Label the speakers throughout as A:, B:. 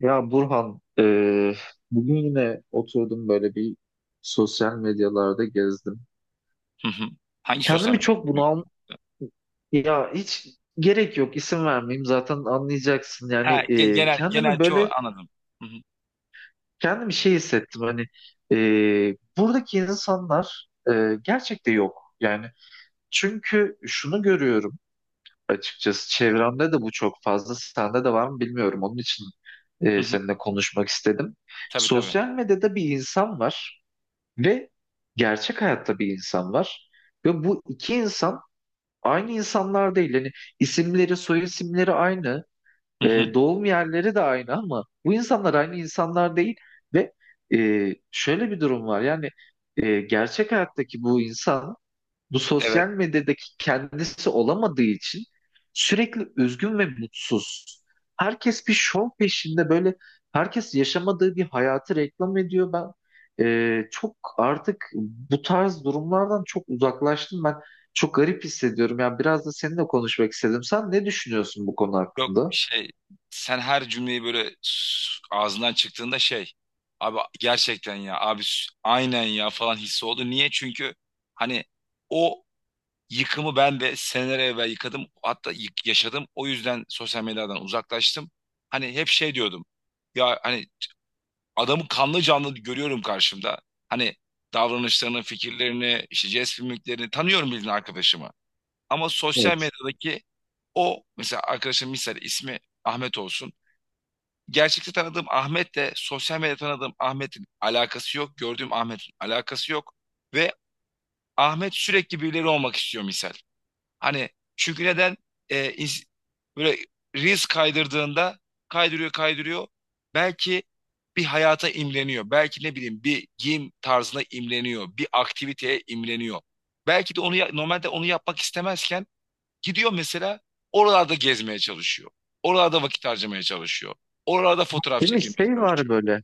A: Ya Burhan, bugün yine oturdum böyle bir sosyal medyalarda gezdim.
B: Hı hı. Hangi sosyal
A: Kendimi çok
B: medya?
A: bunal, ya hiç gerek yok isim vermeyeyim zaten anlayacaksın. Yani
B: Ha, ge- genel genel
A: kendimi
B: çoğu
A: böyle
B: anladım. Hı hı.
A: şey hissettim hani buradaki insanlar gerçekte yok. Yani çünkü şunu görüyorum açıkçası çevremde de bu çok fazla sende de var mı bilmiyorum onun için
B: Hı hı.
A: seninle konuşmak istedim.
B: Tabii tabii.
A: Sosyal medyada bir insan var. Ve gerçek hayatta bir insan var. Ve bu iki insan aynı insanlar değil. Yani isimleri, soy isimleri aynı.
B: Hı hı.
A: Doğum yerleri de aynı ama bu insanlar aynı insanlar değil. Ve şöyle bir durum var. Yani gerçek hayattaki bu insan bu
B: Evet.
A: sosyal medyadaki kendisi olamadığı için sürekli üzgün ve mutsuz. Herkes bir şov peşinde böyle herkes yaşamadığı bir hayatı reklam ediyor. Ben çok artık bu tarz durumlardan çok uzaklaştım. Ben çok garip hissediyorum. Yani biraz da seninle konuşmak istedim. Sen ne düşünüyorsun bu konu
B: Yok,
A: hakkında?
B: şey, sen her cümleyi böyle ağzından çıktığında şey, abi gerçekten ya abi aynen ya falan hissi oldu. Niye? Çünkü hani o yıkımı ben de seneler evvel yıkadım. Hatta yaşadım. O yüzden sosyal medyadan uzaklaştım. Hani hep şey diyordum. Ya hani adamı kanlı canlı görüyorum karşımda. Hani davranışlarını, fikirlerini, işte jest mimiklerini tanıyorum bildiğin arkadaşımı. Ama sosyal
A: Evet.
B: medyadaki o, mesela arkadaşım misal ismi Ahmet olsun. Gerçekte tanıdığım Ahmet'le sosyal medyada tanıdığım Ahmet'in alakası yok. Gördüğüm Ahmet'in alakası yok. Ve Ahmet sürekli birileri olmak istiyor misal. Hani çünkü neden, e, ins- böyle Reels kaydırdığında kaydırıyor kaydırıyor. Belki bir hayata imleniyor. Belki ne bileyim bir giyim tarzına imleniyor. Bir aktiviteye imleniyor. Belki de onu normalde onu yapmak istemezken gidiyor mesela oralarda gezmeye çalışıyor. Oralarda vakit harcamaya çalışıyor. Oralarda fotoğraf
A: Değil mi?
B: çekilmeye
A: Şey var
B: çalışıyor.
A: böyle.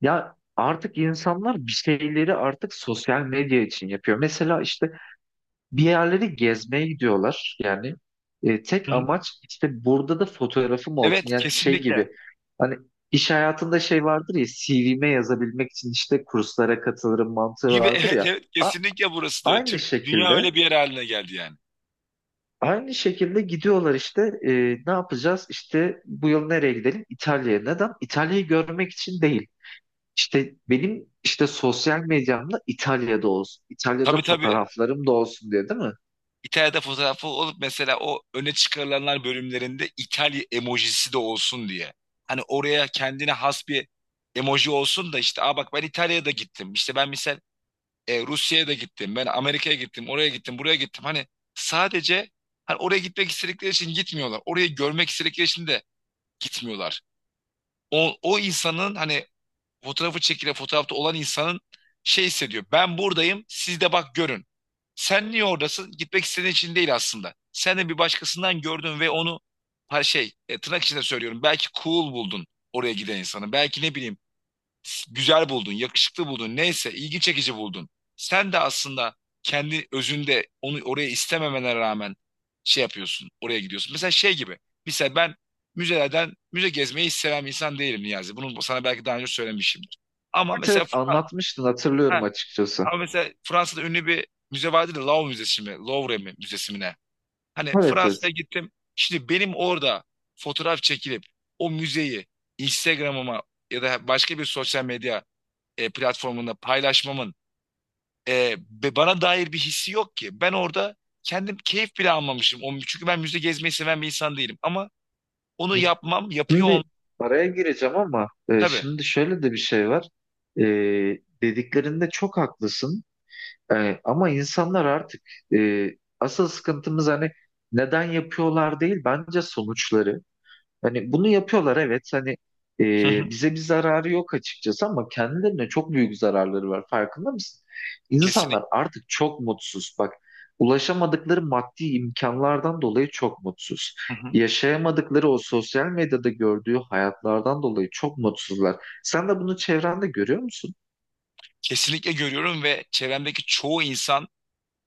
A: Ya artık insanlar bir şeyleri artık sosyal medya için yapıyor. Mesela işte bir yerleri gezmeye gidiyorlar yani. E,
B: Hı
A: tek
B: hı.
A: amaç işte burada da fotoğrafım olsun.
B: Evet,
A: Yani şey gibi
B: kesinlikle.
A: hani iş hayatında şey vardır ya CV'me yazabilmek için işte kurslara katılırım mantığı
B: Gibi
A: vardır
B: evet,
A: ya.
B: evet
A: A-
B: kesinlikle burası da öyle.
A: Aynı
B: Dünya
A: şekilde
B: öyle bir yer haline geldi yani.
A: gidiyorlar işte ne yapacağız işte bu yıl nereye gidelim İtalya'ya. Neden? İtalya'yı görmek için değil. İşte benim işte sosyal medyamda İtalya'da olsun. İtalya'da
B: Tabii tabii.
A: fotoğraflarım da olsun diye değil mi?
B: İtalya'da fotoğrafı olup mesela o öne çıkarılanlar bölümlerinde İtalya emojisi de olsun diye. Hani oraya kendine has bir emoji olsun da işte, aa, bak ben İtalya'da gittim. İşte ben misal Rusya'ya da gittim. Ben Amerika'ya gittim. Oraya gittim. Buraya gittim. Hani sadece hani oraya gitmek istedikleri için gitmiyorlar. Orayı görmek istedikleri için de gitmiyorlar. O insanın hani fotoğrafı çekilen fotoğrafta olan insanın şey hissediyor. Ben buradayım, siz de bak görün. Sen niye oradasın? Gitmek istediğin için değil aslında. Sen de bir başkasından gördün ve onu, ha, şey, tırnak içinde söylüyorum. Belki cool buldun oraya giden insanı. Belki ne bileyim güzel buldun, yakışıklı buldun, neyse ilgi çekici buldun. Sen de aslında kendi özünde onu oraya istememene rağmen şey yapıyorsun, oraya gidiyorsun. Mesela şey gibi, mesela ben müzelerden müze gezmeyi hiç seven bir insan değilim Niyazi. Bunu sana belki daha önce söylemişimdir. Ama mesela,
A: Evet anlatmıştın hatırlıyorum
B: Ha,
A: açıkçası.
B: Fransa'da ünlü bir müze vardı da Louvre Müzesi mi, Louvre mi, Müzesi mi ne? Hani
A: Evet
B: Fransa'ya
A: evet.
B: gittim. Şimdi benim orada fotoğraf çekilip o müzeyi Instagram'ıma ya da başka bir sosyal medya platformunda paylaşmamın e, bana dair bir hissi yok ki. Ben orada kendim keyif bile almamışım. Çünkü ben müze gezmeyi seven bir insan değilim. Ama onu yapmam, yapıyor olmam
A: Şimdi araya gireceğim ama
B: tabii.
A: şimdi şöyle de bir şey var. E, dediklerinde çok haklısın. E, ama insanlar artık e, asıl sıkıntımız hani neden yapıyorlar değil bence sonuçları. Hani bunu yapıyorlar evet hani
B: Hı hı.
A: bize bir zararı yok açıkçası ama kendilerine çok büyük zararları var farkında mısın?
B: Kesinlikle.
A: İnsanlar artık çok mutsuz bak ulaşamadıkları maddi imkanlardan dolayı çok mutsuz.
B: Hı hı.
A: Yaşayamadıkları o sosyal medyada gördüğü hayatlardan dolayı çok mutsuzlar. Sen de bunu çevrende görüyor musun?
B: Kesinlikle görüyorum ve çevremdeki çoğu insan,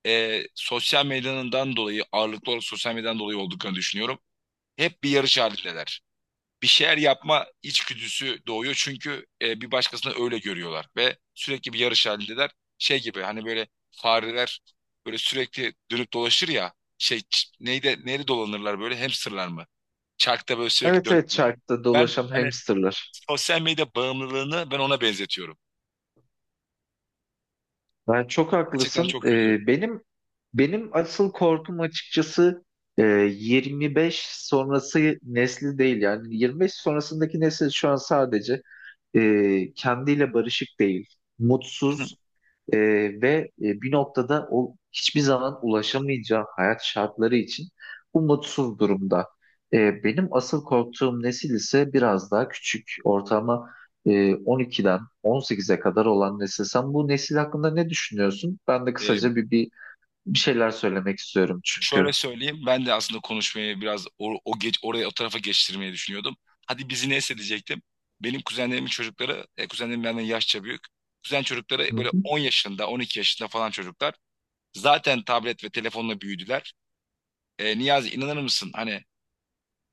B: sosyal medyanından dolayı, ağırlıklı olarak sosyal medyadan dolayı olduklarını düşünüyorum. Hep bir yarış halindeler. Bir şeyler yapma içgüdüsü doğuyor. Çünkü bir başkasını öyle görüyorlar ve sürekli bir yarış halindeler. Şey gibi hani böyle fareler böyle sürekli dönüp dolaşır ya şey, neyde neyde dolanırlar böyle, hamsterlar mı? Çarkta böyle sürekli
A: Evet evet
B: dönürler.
A: çarkta
B: Ben
A: dolaşan
B: hani
A: hamsterlar.
B: sosyal medya bağımlılığını ben ona benzetiyorum.
A: Ben çok
B: Gerçekten
A: haklısın.
B: çok kötü.
A: Benim asıl korkum açıkçası 25 sonrası nesli değil. Yani 25 sonrasındaki nesil şu an sadece kendiyle barışık değil, mutsuz e, ve bir noktada o hiçbir zaman ulaşamayacağı hayat şartları için bu mutsuz durumda. E, benim asıl korktuğum nesil ise biraz daha küçük, ortama e, 12'den 18'e kadar olan nesil. Sen bu nesil hakkında ne düşünüyorsun? Ben de
B: E,
A: kısaca bir şeyler söylemek istiyorum
B: Şöyle
A: çünkü.
B: söyleyeyim, ben de aslında konuşmayı biraz o geç oraya o tarafa geçtirmeyi düşünüyordum. Hadi bizi neyse diyecektim. Benim kuzenlerimin çocukları, kuzenlerim benden yaşça büyük. Kuzen
A: Hı
B: çocukları böyle
A: hı.
B: 10 yaşında, 12 yaşında falan çocuklar. Zaten tablet ve telefonla büyüdüler. Niyazi, inanır mısın? Hani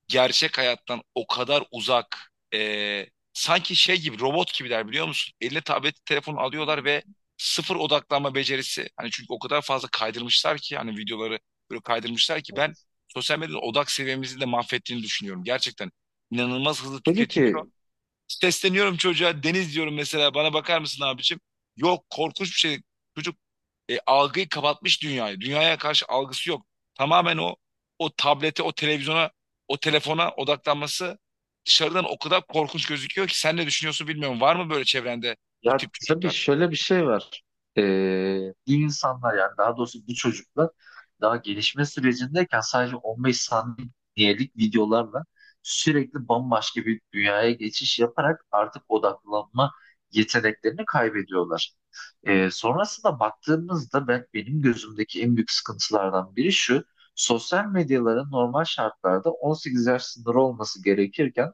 B: gerçek hayattan o kadar uzak, e, sanki şey gibi robot gibiler biliyor musun? Eline tablet telefon alıyorlar ve sıfır odaklanma becerisi. Hani çünkü o kadar fazla kaydırmışlar ki hani videoları böyle kaydırmışlar ki ben
A: Evet.
B: sosyal medyanın odak seviyemizi de mahvettiğini düşünüyorum. Gerçekten inanılmaz hızlı
A: Peki
B: tüketiliyor.
A: ki
B: Sesleniyorum çocuğa, Deniz diyorum mesela, bana bakar mısın abicim? Yok, korkunç bir şey. Çocuk algıyı kapatmış dünyayı. Dünyaya karşı algısı yok. Tamamen o tablete, o televizyona, o telefona odaklanması dışarıdan o kadar korkunç gözüküyor ki, sen ne düşünüyorsun bilmiyorum. Var mı böyle çevrende bu
A: ya
B: tip
A: tabii
B: çocuklar?
A: şöyle bir şey var. Ee, bir insanlar yani daha doğrusu bu çocuklar daha gelişme sürecindeyken sadece 15 saniyelik videolarla sürekli bambaşka bir dünyaya geçiş yaparak artık odaklanma yeteneklerini kaybediyorlar. Sonrasında baktığımızda benim gözümdeki en büyük sıkıntılardan biri şu. Sosyal medyaların normal şartlarda 18 yaş sınırı olması gerekirken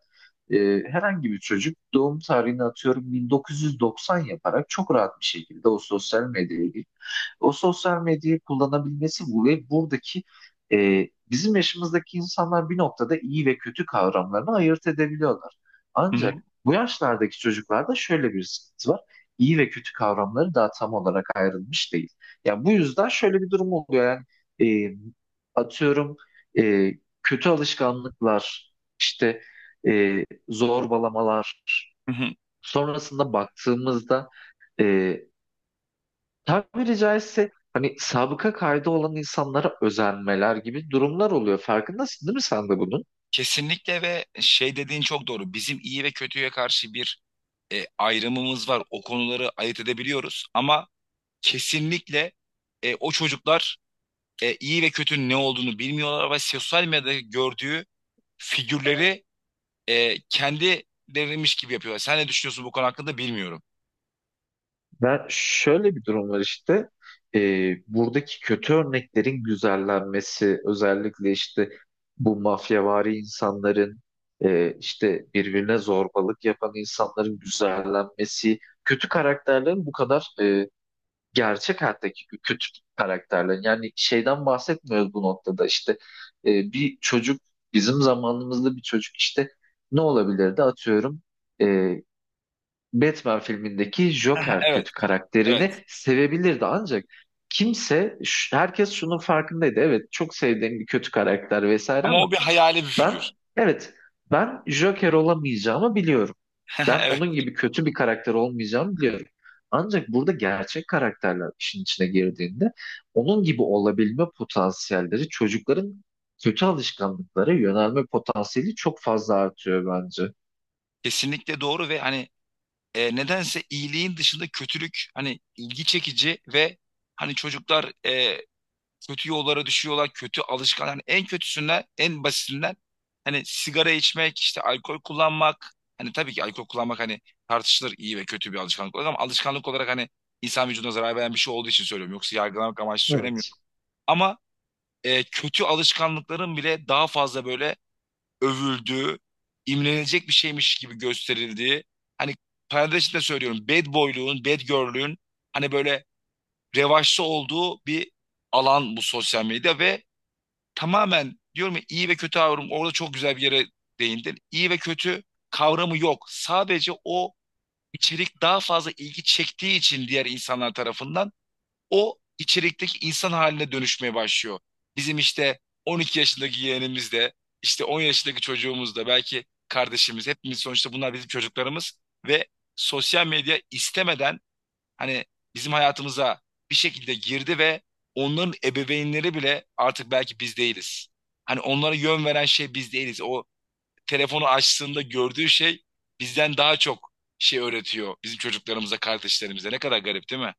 A: e, herhangi bir çocuk doğum tarihini atıyorum 1990 yaparak çok rahat bir şekilde o sosyal medyaya girip o sosyal medyayı kullanabilmesi bu ve buradaki bizim yaşımızdaki insanlar bir noktada iyi ve kötü kavramlarını ayırt edebiliyorlar.
B: Hı hı,
A: Ancak bu yaşlardaki çocuklarda şöyle bir sıkıntı var. İyi ve kötü kavramları daha tam olarak ayrılmış değil. Yani bu yüzden şöyle bir durum oluyor. Yani e, atıyorum e, kötü alışkanlıklar işte zorbalamalar.
B: hı hı.
A: Sonrasında baktığımızda e, tabiri caizse hani sabıka kaydı olan insanlara özenmeler gibi durumlar oluyor. Farkındasın değil mi sen de bunun?
B: Kesinlikle ve şey dediğin çok doğru. Bizim iyi ve kötüye karşı bir ayrımımız var. O konuları ayırt edebiliyoruz ama kesinlikle o çocuklar iyi ve kötünün ne olduğunu bilmiyorlar ve sosyal medyada gördüğü figürleri kendilerinmiş gibi yapıyorlar. Sen ne düşünüyorsun bu konu hakkında bilmiyorum.
A: Ben şöyle bir durum var işte. E, buradaki kötü örneklerin güzellenmesi özellikle işte bu mafyavari insanların işte birbirine zorbalık yapan insanların güzellenmesi kötü karakterlerin bu kadar gerçek hayattaki kötü karakterlerin yani şeyden bahsetmiyoruz bu noktada işte e, bir çocuk bizim zamanımızda bir çocuk işte ne olabilirdi atıyorum e, Batman filmindeki Joker
B: Evet,
A: kötü karakterini
B: evet.
A: sevebilirdi ancak kimse herkes şunun farkındaydı evet çok sevdiğim bir kötü karakter vesaire
B: Ama o
A: ama
B: bir hayali bir
A: ben
B: figür.
A: evet ben Joker olamayacağımı biliyorum. Ben
B: Evet,
A: onun gibi kötü bir karakter olmayacağım diyorum. Ancak burada gerçek karakterler işin içine girdiğinde onun gibi olabilme potansiyelleri çocukların kötü alışkanlıklara yönelme potansiyeli çok fazla artıyor bence.
B: kesinlikle doğru ve hani nedense iyiliğin dışında kötülük hani ilgi çekici ve hani çocuklar kötü yollara düşüyorlar, kötü alışkan. Hani en kötüsünden, en basitinden, hani sigara içmek, işte alkol kullanmak. Hani tabii ki alkol kullanmak hani tartışılır, iyi ve kötü bir alışkanlık olarak, ama alışkanlık olarak hani insan vücuduna zarar veren bir şey olduğu için söylüyorum. Yoksa yargılamak amaçlı söylemiyorum.
A: Evet.
B: Ama kötü alışkanlıkların bile daha fazla böyle övüldüğü, imrenilecek bir şeymiş gibi gösterildiği, hani parantez içinde söylüyorum, bad boyluğun, bad girl'lüğün hani böyle revaçta olduğu bir alan bu sosyal medya ve tamamen diyorum ya, iyi ve kötü kavramı orada çok güzel bir yere değindin. İyi ve kötü kavramı yok. Sadece o içerik daha fazla ilgi çektiği için diğer insanlar tarafından o içerikteki insan haline dönüşmeye başlıyor. Bizim işte 12 yaşındaki yeğenimiz de, işte 10 yaşındaki çocuğumuz da, belki kardeşimiz, hepimiz sonuçta bunlar bizim çocuklarımız ve sosyal medya istemeden hani bizim hayatımıza bir şekilde girdi ve onların ebeveynleri bile artık belki biz değiliz. Hani onlara yön veren şey biz değiliz. O telefonu açtığında gördüğü şey bizden daha çok şey öğretiyor bizim çocuklarımıza, kardeşlerimize. Ne kadar garip değil mi?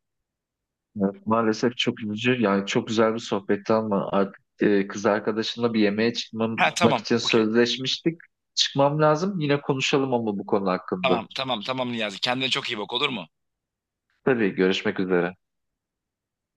A: Evet, maalesef çok üzücü. Yani çok güzel bir sohbetti ama artık kız arkadaşımla bir yemeğe
B: Ha,
A: çıkmamak
B: tamam.
A: için
B: Okey.
A: sözleşmiştik. Çıkmam lazım. Yine konuşalım ama bu konu hakkında.
B: Tamam tamam tamam Niyazi. Kendine çok iyi bak, olur mu?
A: Tabii görüşmek üzere.